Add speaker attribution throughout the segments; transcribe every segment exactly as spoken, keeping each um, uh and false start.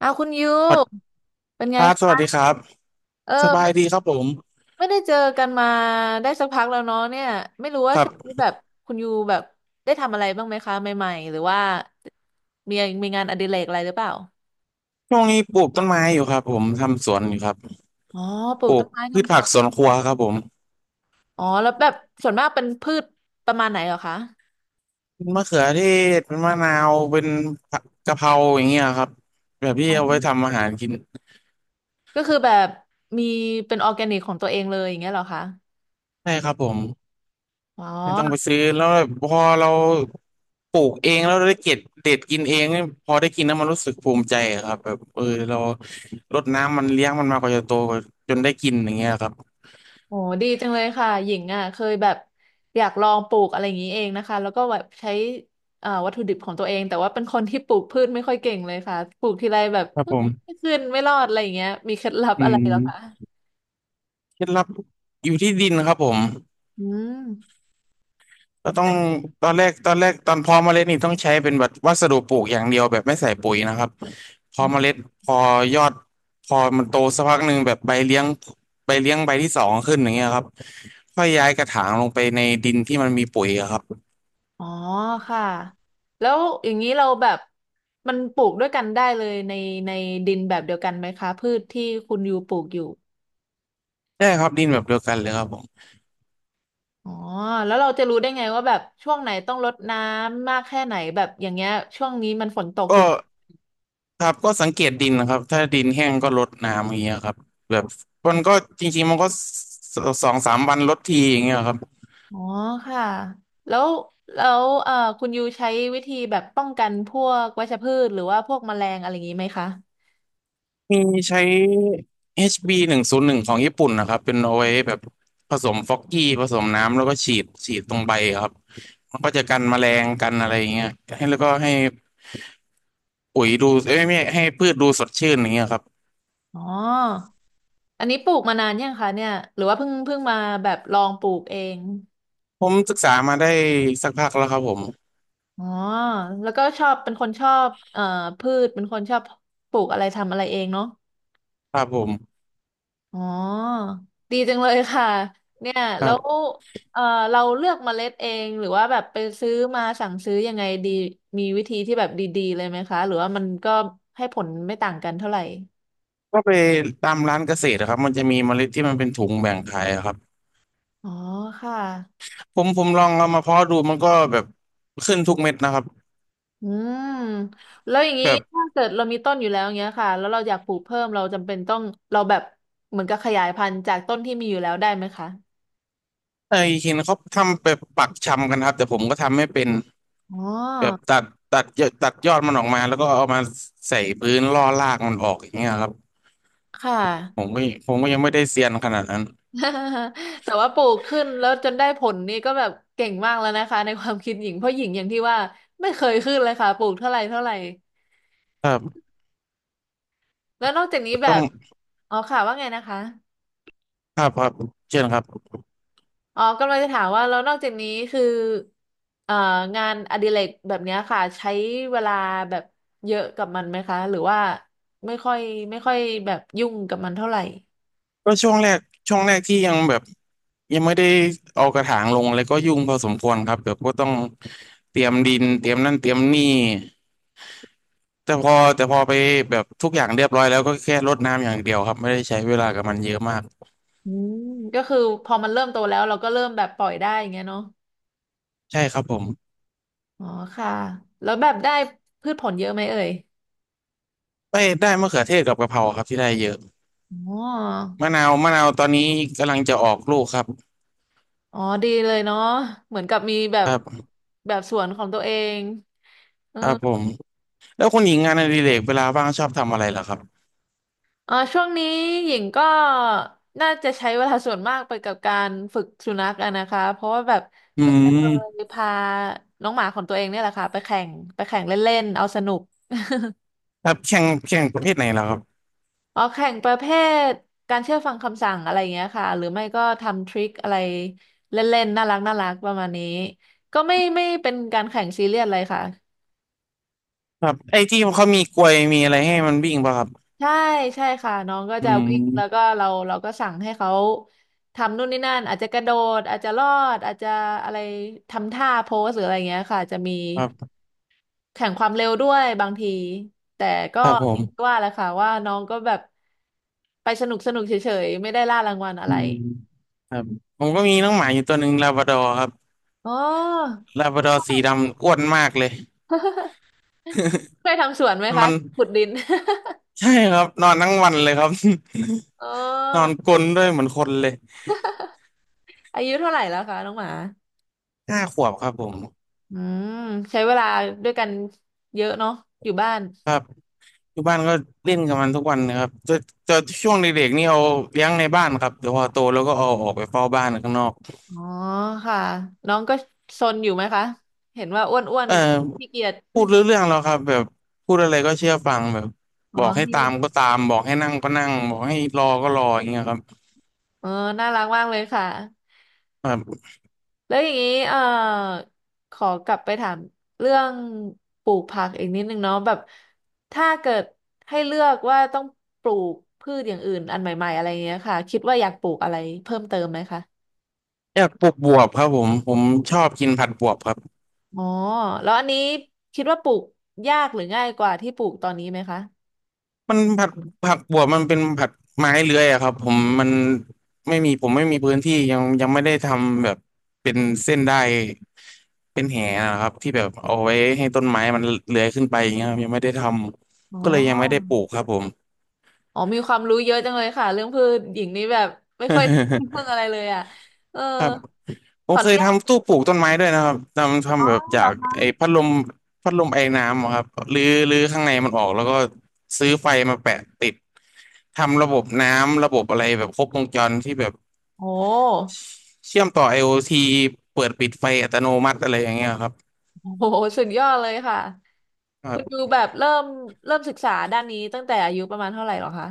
Speaker 1: อ้าวคุณยู
Speaker 2: สวัสดีค
Speaker 1: เป็นไง
Speaker 2: รับส
Speaker 1: คะ
Speaker 2: วัสดีครับ
Speaker 1: เออ
Speaker 2: สบาย
Speaker 1: ไม่
Speaker 2: ดีครับผม
Speaker 1: ไม่ได้เจอกันมาได้สักพักแล้วเนาะเนี่ยไม่รู้
Speaker 2: ค
Speaker 1: ว่า
Speaker 2: รับ
Speaker 1: ช่วงนี้แบบคุณยูแบบได้ทำอะไรบ้างไหมคะใหม่ๆหรือว่ามีมีงานอดิเรกอะไรหรือเปล่า
Speaker 2: ช่วงนี้ปลูกต้นไม้อยู่ครับผม ทำสวนอยู่ครับ
Speaker 1: อ๋อปลู
Speaker 2: ป
Speaker 1: ก
Speaker 2: ลู
Speaker 1: ต้
Speaker 2: ก
Speaker 1: นไม้
Speaker 2: พืช
Speaker 1: ทำส
Speaker 2: ผัก
Speaker 1: ว
Speaker 2: สว
Speaker 1: น
Speaker 2: นครัวครับผม
Speaker 1: อ๋อแล้วแบบส่วนมากเป็นพืชประมาณไหนเหรอคะ
Speaker 2: เป็นมะเขือเทศเป็นมะนาวเป็นผักกะเพราอย่างเงี้ยครับแบบที่
Speaker 1: อ๋อ
Speaker 2: เอาไว้ทำอาหารกิน
Speaker 1: ก็คือแบบมีเป็นออร์แกนิกของตัวเองเลยอย่างเงี้ยเหรอคะ
Speaker 2: ใช่ครับผม
Speaker 1: อ๋อ
Speaker 2: ไม่ต้องไปซื้อแล้วพอเราปลูกเองแล้วได้เก็บเด็ดกินเองนี่พอได้กินแล้วมันรู้สึกภูมิใจอะครับแบบเออเรารดน้ำมันเลี้ยงมันมากว่าจะโตจนได้กินอย่างเงี้ยครับ
Speaker 1: โอ้ดีจังเลยค่ะหญิงอ่ะเคยแบบอยากลองปลูกอะไรอย่างนี้เองนะคะแล้วก็แบบใช้เอ่อวัตถุดิบของตัวเองแต่ว่าเป็นคนที่ปลูกพืชไม่ค่อยเก่งเลยค่ะปลูกทีไรแบบ
Speaker 2: ครับผม
Speaker 1: ไม่ขึ้นไม่รอดอะไรอย่างเงี้ยมีเคล็ดลับ
Speaker 2: อื
Speaker 1: อะไรเหรอคะ
Speaker 2: ม เคล็ดลับอยู่ที่ดินครับผม
Speaker 1: อืม
Speaker 2: ก็ต้องตอนแรกตอนแรกตอนเพาะเมล็ดนี่ต้องใช้เป็นแบบวัสดุปลูกอย่างเดียวแบบไม่ใส่ปุ๋ยนะครับพอเมล็ดพอยอดพอมันโตสักพักหนึ่งแบบใบเลี้ยงใบเลี้ยงใบที่สองขึ้นอย่างเงี้ยครับค่อยย้ายกระถางลงไปในดินที่มันมีปุ๋ยอะครับ
Speaker 1: อ๋อค่ะแล้วอย่างนี้เราแบบมันปลูกด้วยกันได้เลยในในดินแบบเดียวกันไหมคะพืชที่คุณยูปลูกอยู่
Speaker 2: ใช่ครับดินแบบเดียวกันเลยครับผม
Speaker 1: อ๋อแล้วเราจะรู้ได้ไงว่าแบบช่วงไหนต้องรดน้ำมากแค่ไหนแบบอย่างเงี้ยช่วงนี้มันฝนตกเย
Speaker 2: ก็
Speaker 1: อะ
Speaker 2: ครับก็สังเกตดินนะครับถ้าดินแห้งก็รดน้ำอย่างเงี้ยครับแบบมันก็จริงๆมันก็สสองสามวันรดทีอย่างเงี้ยครับ
Speaker 1: อ๋อค่ะแล้วแล้วเอ่อคุณยูใช้วิธีแบบป้องกันพวกวัชพืชหรือว่าพวกแมลงอะไรอย่างนี้ไหมคะ
Speaker 2: มีใช้ HB หนึ่งศูนย์หนึ่งของญี่ปุ่นนะครับเป็นเอาไว้แบบผสมฟอกกี้ผสมน้ำแล้วก็ฉีดฉีดตรงใบครับมันก็จะกันแมลงกันอะไรอย่างเงี้ยให้แล้วก็ให้ปุ๋ยดูเอ้ยไม่ให้พืชดูสดชื่นอย่างเงี้ยครับ
Speaker 1: อ๋ออันนี้ปลูกมานานยังคะเนี่ยหรือว่าเพิ่งเพิ่งมาแบบลองปลูกเอง
Speaker 2: ผมศึกษามาได้สักพักแล้วครับผม
Speaker 1: อ๋อแล้วก็ชอบเป็นคนชอบเอ่อพืชเป็นคนชอบปลูกอะไรทำอะไรเองเนาะ
Speaker 2: ครับผม
Speaker 1: อ๋อ ดีจังเลยค่ะ เนี่ย
Speaker 2: ครั
Speaker 1: แล้ว
Speaker 2: บ
Speaker 1: เอ่อเราเลือกเมล็ดเอง หรือว่าแบบไปซื้อมาสั่งซื้อยังไงดี มีวิธีที่แบบดีๆเลยไหมคะ หรือว่ามันก็ให้ผลไม่ต่างกันเท่าไหร่
Speaker 2: ก็ไปตามร้านเกษตรนะครับมันจะมีเมล็ดที่มันเป็นถุงแบ่งขายอะครับ
Speaker 1: อ๋อค่ะ
Speaker 2: ผมผมลองเอามาเพาะดูมันก็แบบขึ้นทุกเม็ดนะครับ
Speaker 1: อืม แล้วอย่างนี้
Speaker 2: แบบ
Speaker 1: ถ้าเกิดเรามีต้นอยู่แล้วเงี้ยค่ะ แล้วเราอยากปลูกเพิ่มเราจำเป็นต้องเราแบบเหมือนกับขยายพันธุ์จากต้นที่มีอยู่แล้วได้ไหมคะ
Speaker 2: ไอ้เห็นเขาทำแบบปักชำกันครับแต่ผมก็ทำไม่เป็น
Speaker 1: อ๋
Speaker 2: แบบ
Speaker 1: อ
Speaker 2: ตัดตัดเยอะตัดยอดมันออกมาแล้วก็เอามาใส่พื้นล่อรากมันออกอย่างเงี้ยครับ
Speaker 1: ค่ะ
Speaker 2: ผมก็ผมก็ยังไม่ได้เซียนขนาดนั้น
Speaker 1: แต่ว่าปลูกขึ้นแล้วจนได้ผลนี่ก็แบบเก่งมากแล้วนะคะในความคิดหญิงเพราะหญิงอย่างที่ว่าไม่เคยขึ้นเลยค่ะปลูกเท่าไหร่เท่าไหร่
Speaker 2: ครับ
Speaker 1: แล้วนอกจากนี้แบ
Speaker 2: ต้อง
Speaker 1: บอ๋อค่ะว่าไงนะคะ
Speaker 2: ครับครับเช่นครับ
Speaker 1: อ๋อกำลังจะถามว่าแล้วนอกจากนี้คือเอ่องานอดิเรกแบบเนี้ยค่ะใช้เวลาแบบเยอะกับมันไหมคะหรือว่าไม่ค่อยไม่ค่อยแบบยุ่งกับมันเท่าไหร่
Speaker 2: ก็ช่วงแรกช่วงแรกที่ยังแบบยังไม่ได้เอากระถางลงอะไรก็ยุ่งพอสมควรครับแบบก็ต้องเตรียมดินเตรียมนั่นเตรียมนี่แต่พอแต่พอไปแบบทุกอย่างเรียบร้อยแล้วก็แค่รดน้ำอย่างเดียวครับไม่ได้ใช้เวลากับมันเยอะมาก
Speaker 1: อืมก็คือพอมันเริ่มโตแล้วเราก็เริ่มแบบปล่อยได้อย่างเงี้ยเนาะ
Speaker 2: ใช่ครับผม
Speaker 1: อ๋อค่ะแล้วแบบได้พืชผลเยอะไหมเอ่ย
Speaker 2: ไปได้มะเขือเทศกับกะเพราครับที่ได้เยอะ
Speaker 1: อ๋อ
Speaker 2: มะนาวมะนาวตอนนี้กำลังจะออกลูกครับ
Speaker 1: อ๋อดีเลยเนาะเหมือนกับมีแบ
Speaker 2: ค
Speaker 1: บ
Speaker 2: รับ
Speaker 1: แบบสวนของตัวเองเออ
Speaker 2: ครับผมแล้วคุณหญิงงานอดิเรกเวลาว่างชอบทำอะไรเหรอครับ
Speaker 1: เออช่วงนี้หญิงก็น่าจะใช้เวลาส่วนมากไปกับการฝึกสุนัขอะนะคะเพราะว่าแบบ
Speaker 2: อื
Speaker 1: เพิ่งจะเค
Speaker 2: ม
Speaker 1: ยพาน้องหมาของตัวเองเนี่ยแหละค่ะไปแข่งไปแข่งเล่นๆเอาสนุก
Speaker 2: ครับแข่งแข่งประเภทไหนเหรอครับ
Speaker 1: อ๋อแข่งประเภทการเชื่อฟังคำสั่งอะไรเงี้ยค่ะหรือไม่ก็ทำทริคอะไรเล่นๆน่ารักน่ารักประมาณนี้ก็ไม่ไม่เป็นการแข่งซีเรียสเลยค่ะ
Speaker 2: ครับไอ้ที่เขามีกลวยมีอะไรให้มันวิ่งป่ะครับ
Speaker 1: ใช่ใช่ค่ะน้องก็
Speaker 2: อื
Speaker 1: จะวิ่งแล้วก็
Speaker 2: ม
Speaker 1: เราเราก็สั่งให้เขาทำนู่นนี่นั่นอาจจะกระโดดอาจจะลอดอาจจะอะไรทำท่าโพสหรืออะไรเงี้ยค่ะจะมี
Speaker 2: ครับ
Speaker 1: แข่งความเร็วด้วยบางทีแต่ก็
Speaker 2: ครับผ
Speaker 1: อย่างที่
Speaker 2: ม
Speaker 1: ว่าแหละค่ะว่าน้องก็แบบไปสนุกสนุกเฉยๆไม่ได้ล่ารางวัลอะ
Speaker 2: อื
Speaker 1: ไร
Speaker 2: มครับผมก็มีน้องหมาอยู่ตัวหนึ่งลาบราดอร์ครับ
Speaker 1: อ๋อ
Speaker 2: ลาบราดอร์สีดำอ้วนมากเลย
Speaker 1: เคยทำสวนไหม
Speaker 2: น
Speaker 1: คะ
Speaker 2: อน
Speaker 1: ขุดดิน
Speaker 2: ใช่ครับนอนทั้งวันเลยครับ
Speaker 1: อ๋
Speaker 2: นอน
Speaker 1: อ
Speaker 2: กรนด้วยเหมือนคนเลย
Speaker 1: อายุเท่าไหร่แล้วคะน้องหมา
Speaker 2: ห้าขวบครับผม
Speaker 1: อืมใช้เวลาด้วยกันเยอะเนาะอยู่บ้าน
Speaker 2: อยู่บ้านก็เล่นกับมันทุกวันนะครับจะจะช่วงเด็กๆนี่เอาเลี้ยงในบ้านครับแต่พอโตแล้วก็เอาออกไปเฝ้าบ้านข้างนอก
Speaker 1: อ๋อค่ะน้องก็ซนอยู่ไหมคะเห็นว่าอ้วนอ้วน
Speaker 2: เออ
Speaker 1: ขี้เกียจ
Speaker 2: พูดรู้เรื่องแล้วครับแบบพูดอะไรก็เชื่อฟังแบบ
Speaker 1: อ๋
Speaker 2: บ
Speaker 1: อ
Speaker 2: อกให้
Speaker 1: ที่
Speaker 2: ตามก็ตามบอกให้นั่งก็นั่งบอกให้รอก็รออย่างเงี้ยครับ
Speaker 1: อ๋อน่ารักมากเลยค่ะ
Speaker 2: แบบ
Speaker 1: แล้วอย่างนี้เอ่อขอกลับไปถามเรื่องปลูกผักอีกนิดนึงเนาะแบบถ้าเกิดให้เลือกว่าต้องปลูกพืชอย่างอื่นอันใหม่ๆอะไรเงี้ยค่ะคิดว่าอยากปลูกอะไรเพิ่มเติมไหมคะ
Speaker 2: อยากปลูกบวบครับผมผมชอบกินผัดบวบครับ
Speaker 1: อ๋อแล้วอันนี้คิดว่าปลูกยากหรือง่ายกว่าที่ปลูกตอนนี้ไหมคะ
Speaker 2: มันผัดผักบวบมันเป็นผัดไม้เลื้อยอะครับผมมันไม่มีผมไม่มีพื้นที่ยังยังไม่ได้ทำแบบเป็นเส้นได้ เป็นแหนะครับที่แบบเอาไว้ให้ต้นไม้มันเลื้อยขึ้นไปอย่างเงี้ยครับยังไม่ได้ท
Speaker 1: อ๋
Speaker 2: ำ
Speaker 1: อ
Speaker 2: ก็เลยยังไม่ได้ปลูกครับผม
Speaker 1: อ๋อมีความรู้เยอะจังเลยค่ะเรื่องพืชหญิงนี่แบบไม่ค่อยรู้เรื่อง อะไรเลยอ่ะเออ
Speaker 2: ครับผ
Speaker 1: ข
Speaker 2: ม
Speaker 1: ออ
Speaker 2: เค
Speaker 1: นุ
Speaker 2: ย
Speaker 1: ญาต
Speaker 2: ทำตู้ปลูกต้นไม้ด้วยนะครับทำ
Speaker 1: อ๋
Speaker 2: ทำ
Speaker 1: อ
Speaker 2: แบบจา
Speaker 1: เหรอ
Speaker 2: ก
Speaker 1: คะ
Speaker 2: ไอ้พัดลมพัดลมไอน้ำอะครับรื้อรื้อข้างในมันออกแล้วก็ซื้อไฟมาแปะติดทำระบบน้ำระบบอะไรแบบครบวงจรที่แบบ
Speaker 1: โอ้
Speaker 2: เชื่อมต่อ IoT เปิดปิดไฟอัตโนมัติอะไรอย่างเงี้ยครับ
Speaker 1: โหสุดยอดเลยค่ะ
Speaker 2: ครั
Speaker 1: คุณยู
Speaker 2: บ
Speaker 1: แบบเริ่มเริ่มศึกษาด้านนี้ตั้งแต่อายุประมาณเท่าไหร่หรอคะ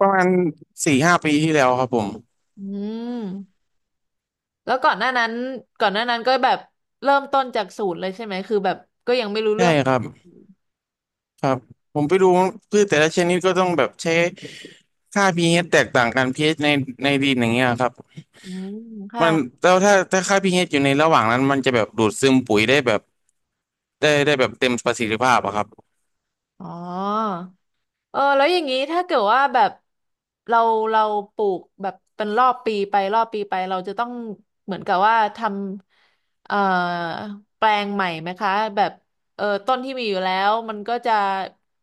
Speaker 2: ประมาณสี่ห้าปีที่แล้วครับผม
Speaker 1: อืม แล้วก่อนหน้านั้นก่อนหน้านั้นก็แบบเริ่มต้นจากศูนย์เลยใช่ไหม คือแบบก็ยังไม่รู้
Speaker 2: ใช่
Speaker 1: เรื่อง
Speaker 2: ครับ ครับผมไปดูพืชแต่ละชนิดก็ต้องแบบใช้ค่า pH แตกต่างกัน pH ในในดินอย่างเงี้ยครับ
Speaker 1: อืม ค่ะ
Speaker 2: มันแล้วถ้าถ้าค่า pH อยู่ในระหว่างนั้นมันจะแบบดูดซึมปุ๋ยได้แบบได้ได้แบบเต็มประสิทธิภาพอะครับ
Speaker 1: อ๋อ เออแล้วอย่างนี้ถ้าเกิดว่าแบบเราเราปลูกแบบเป็นรอบปีไปรอบปีไปเราจะต้องเหมือนกับว่าทำเอ่อแปลงใหม่ไหมคะแบบเออต้นที่มีอยู่แล้วมันก็จะ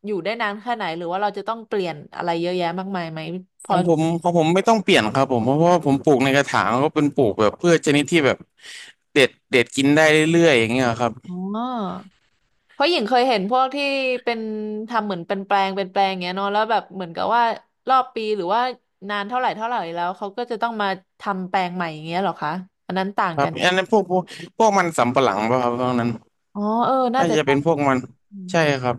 Speaker 1: อยู่ได้นานแค่ไหนหรือว่าเราจะต้องเปลี่ยนอะไรเยอะแยะมากมายไหมพ
Speaker 2: ข
Speaker 1: อ
Speaker 2: องผมของผมไม่ต้องเปลี่ยนครับผมเพราะว่าผมปลูกในกระถางก็เป็นปลูกแบบพืชชนิดที่แบบเด็ดเด็ดกินได้เรื่อยๆอย่างเงี้ยครับ
Speaker 1: อ๋อเพราะหญิงเคยเห็นพวกที่เป็นทำเหมือนเป็นแปลงเป็นแปลงอย่างเงี้ยเนาะแล้วแบบเหมือนกับว่ารอบปีหรือว่านานเท่าไหร่เท่าไหร่แล้วเขาก็จะต้องมาทำแปลงใหม่อย่างเงี้ยเหรอคะอันนั้นต่าง
Speaker 2: ครับ
Speaker 1: กัน
Speaker 2: อันนั้นพวกพวกพวกมันสำปะหลังป่ะครับตรงนั้น
Speaker 1: อ๋อเออน่า
Speaker 2: น่า
Speaker 1: จะ
Speaker 2: จะ
Speaker 1: ใช่
Speaker 2: เป็นพวกมัน
Speaker 1: อืม
Speaker 2: ใช่ครับ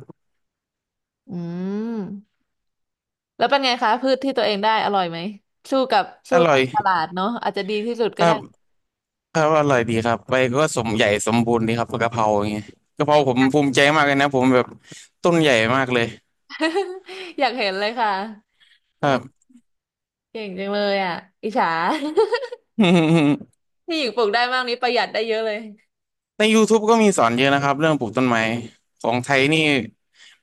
Speaker 1: อืมแล้วเป็นไงคะพืชที่ตัวเองได้อร่อยไหมสู้กับ
Speaker 2: อ
Speaker 1: สู้
Speaker 2: ร่อ
Speaker 1: กั
Speaker 2: ย
Speaker 1: บตลาดเนาะอาจจะดีที่สุด
Speaker 2: ค
Speaker 1: ก็
Speaker 2: รั
Speaker 1: ได้
Speaker 2: บ ครับอร่อยดีครับไปก็สมใหญ่สมบูรณ์ดีครับกะเพราอย่างเงี้ยกะเพราผมภูมิใจมากเลยนะผมแบบต้นใหญ่มากเลย
Speaker 1: อยากเห็นเลยค่ะ
Speaker 2: ค
Speaker 1: เออ
Speaker 2: รับ
Speaker 1: เก่งจังเลยอ่ะอิจฉา ที่หญิงปลูกได้มากนี้ประหยัดได้เยอะเลย
Speaker 2: ใน YouTube ก็มีสอนเยอะนะครับเรื่องปลูกต้นไม้ของไทยนี่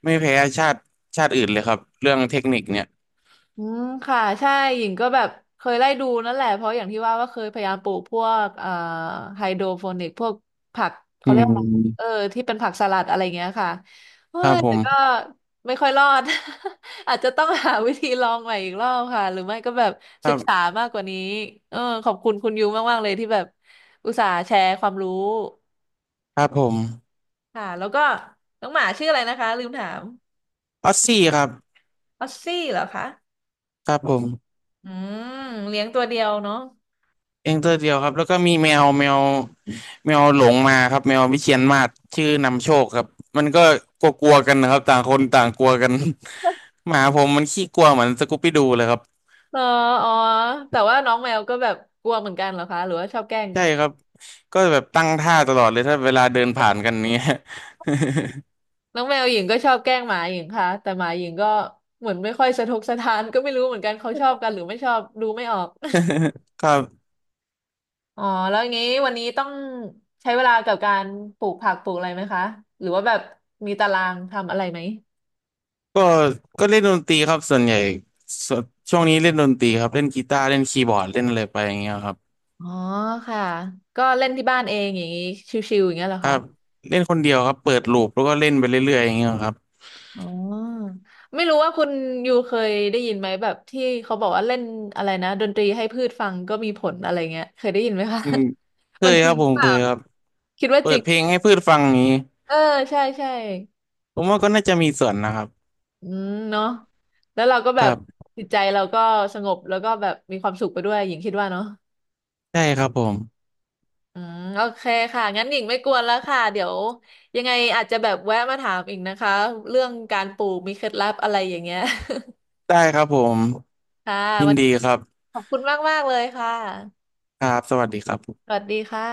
Speaker 2: ไม่แพ้ชาติชาติอื่นเลยครับเรื่องเทคนิคเนี่ย
Speaker 1: อืมค่ะใช่หญิงก็แบบเคยไล่ดูนั่นแหละเพราะอย่างที่ว่าว่าเคยพยายามปลูกพวกเอ่อไฮโดรโปนิกพวกผัก
Speaker 2: อื
Speaker 1: เขาเรียกว่าอะไรเออ
Speaker 2: ม
Speaker 1: ที่เป็นผักสลัดอะไรเงี้ยค่ะเฮ้
Speaker 2: ครับ
Speaker 1: ย
Speaker 2: ผ
Speaker 1: แต่
Speaker 2: ม
Speaker 1: ก็ไม่ค่อยรอด อาจจะต้องหาวิธีลองใหม่อีกรอบค่ะหรือไม่ก็แบบ
Speaker 2: ค
Speaker 1: ศึ
Speaker 2: รั
Speaker 1: กษา
Speaker 2: บ
Speaker 1: มากกว่านี้เออขอบคุณคุณยูมากๆเลยที่แบบอุตส่าห์แชร์ความรู้
Speaker 2: ครับผม
Speaker 1: ค่ะแล้วก็น้องหมาชื่ออะไรนะคะลืมถาม
Speaker 2: ออสซี่ครับ
Speaker 1: ออสซี่เหรอคะ
Speaker 2: ครับผม
Speaker 1: อืมเลี้ยงตัวเดียวเนาะ
Speaker 2: เองตัวเดียวครับแล้วก็มีแมวแมวแมวหลงมาครับแมววิเชียรมาศชื่อนำโชคครับมันก็กลัวๆกันนะครับต่างคนต่างกลัวกัน หมาผมมันขี้กลัวเหมือนสกูปปี้ดูเลยครับ
Speaker 1: อ๋ออ๋อแต่ว่าน้องแมวก็แบบกลัวเหมือนกันเหรอคะหรือว่าชอบแกล้ง
Speaker 2: ใช่
Speaker 1: กัน
Speaker 2: ครับก็แบบตั้งท่าตลอดเลยถ้าเวลาเดินผ่านกันเนี้ย
Speaker 1: น้องแมวหญิงก็ชอบแกล้งหมาหญิงค่ะแต่หมาหญิงก็เหมือนไม่ค่อยสะทกสะท้านก็ไม่รู้เหมือนกันเขาชอบกันหรือไม่ชอบดูไม่ออก
Speaker 2: ครับ
Speaker 1: อ๋อแล้วงี้วันนี้ต้องใช้เวลากับการปลูกผักปลูกอะไรไหมคะหรือว่าแบบมีตารางทำอะไรไหม
Speaker 2: ก็ก็เล่นดนตรีครับส่วนใหญ่สช่วงนี้เล่นดนตรีครับเล่นกีตาร์เล่นคีย์บอร์ดเล่นอะไรไปอย่างเงี้ยครับ
Speaker 1: อ๋อค่ะก็เล่นที่บ้านเองอย่างนี้ชิวๆอย่างเงี้ยเหรอ
Speaker 2: ครั
Speaker 1: คะ
Speaker 2: บเล่นคนเดียวครับเปิดลูปแล้วก็เล่นไปเรื่อยๆอย่างเงี้ยครับ
Speaker 1: อ๋อไม่รู้ว่าคุณยูเคยได้ยินไหมแบบที่เขาบอกว่าเล่นอะไรนะดนตรีให้พืชฟังก็มีผลอะไรเงี้ยเคยได้ยินไหมคะ
Speaker 2: อืมเค
Speaker 1: มัน
Speaker 2: ย
Speaker 1: จ
Speaker 2: ครั
Speaker 1: ริ
Speaker 2: บ
Speaker 1: ง
Speaker 2: ผ
Speaker 1: หรื
Speaker 2: ม
Speaker 1: อเป
Speaker 2: เค
Speaker 1: ล่า
Speaker 2: ยครับ
Speaker 1: คิดว่า
Speaker 2: เปิ
Speaker 1: จริ
Speaker 2: ด
Speaker 1: ง
Speaker 2: เพลงให้พืชฟังนี้
Speaker 1: เออใช่ใช่
Speaker 2: ผมว่าก็น่าจะมีส่วนนะครับ
Speaker 1: อืมเนาะแล้วเราก็
Speaker 2: ค
Speaker 1: แบบ
Speaker 2: รับ
Speaker 1: จิตใจเราก็สงบแล้วก็แบบมีความสุขไปด้วยหญิงคิดว่าเนาะ
Speaker 2: ได้ครับผม
Speaker 1: อืมโอเคค่ะงั้นหญิงไม่กวนแล้วค่ะเดี๋ยวยังไงอาจจะแบบแวะมาถามอีกนะคะเรื่องการปลูกมีเคล็ดลับอะไรอย่างเงี้ย
Speaker 2: ได้ครับผม
Speaker 1: ค่ะ
Speaker 2: ยิน
Speaker 1: วัน
Speaker 2: ดี
Speaker 1: นี้
Speaker 2: ครับ
Speaker 1: ขอบคุณมากๆเลยค่ะ
Speaker 2: ครับสวัสดีครับ
Speaker 1: สวัสดีค่ะ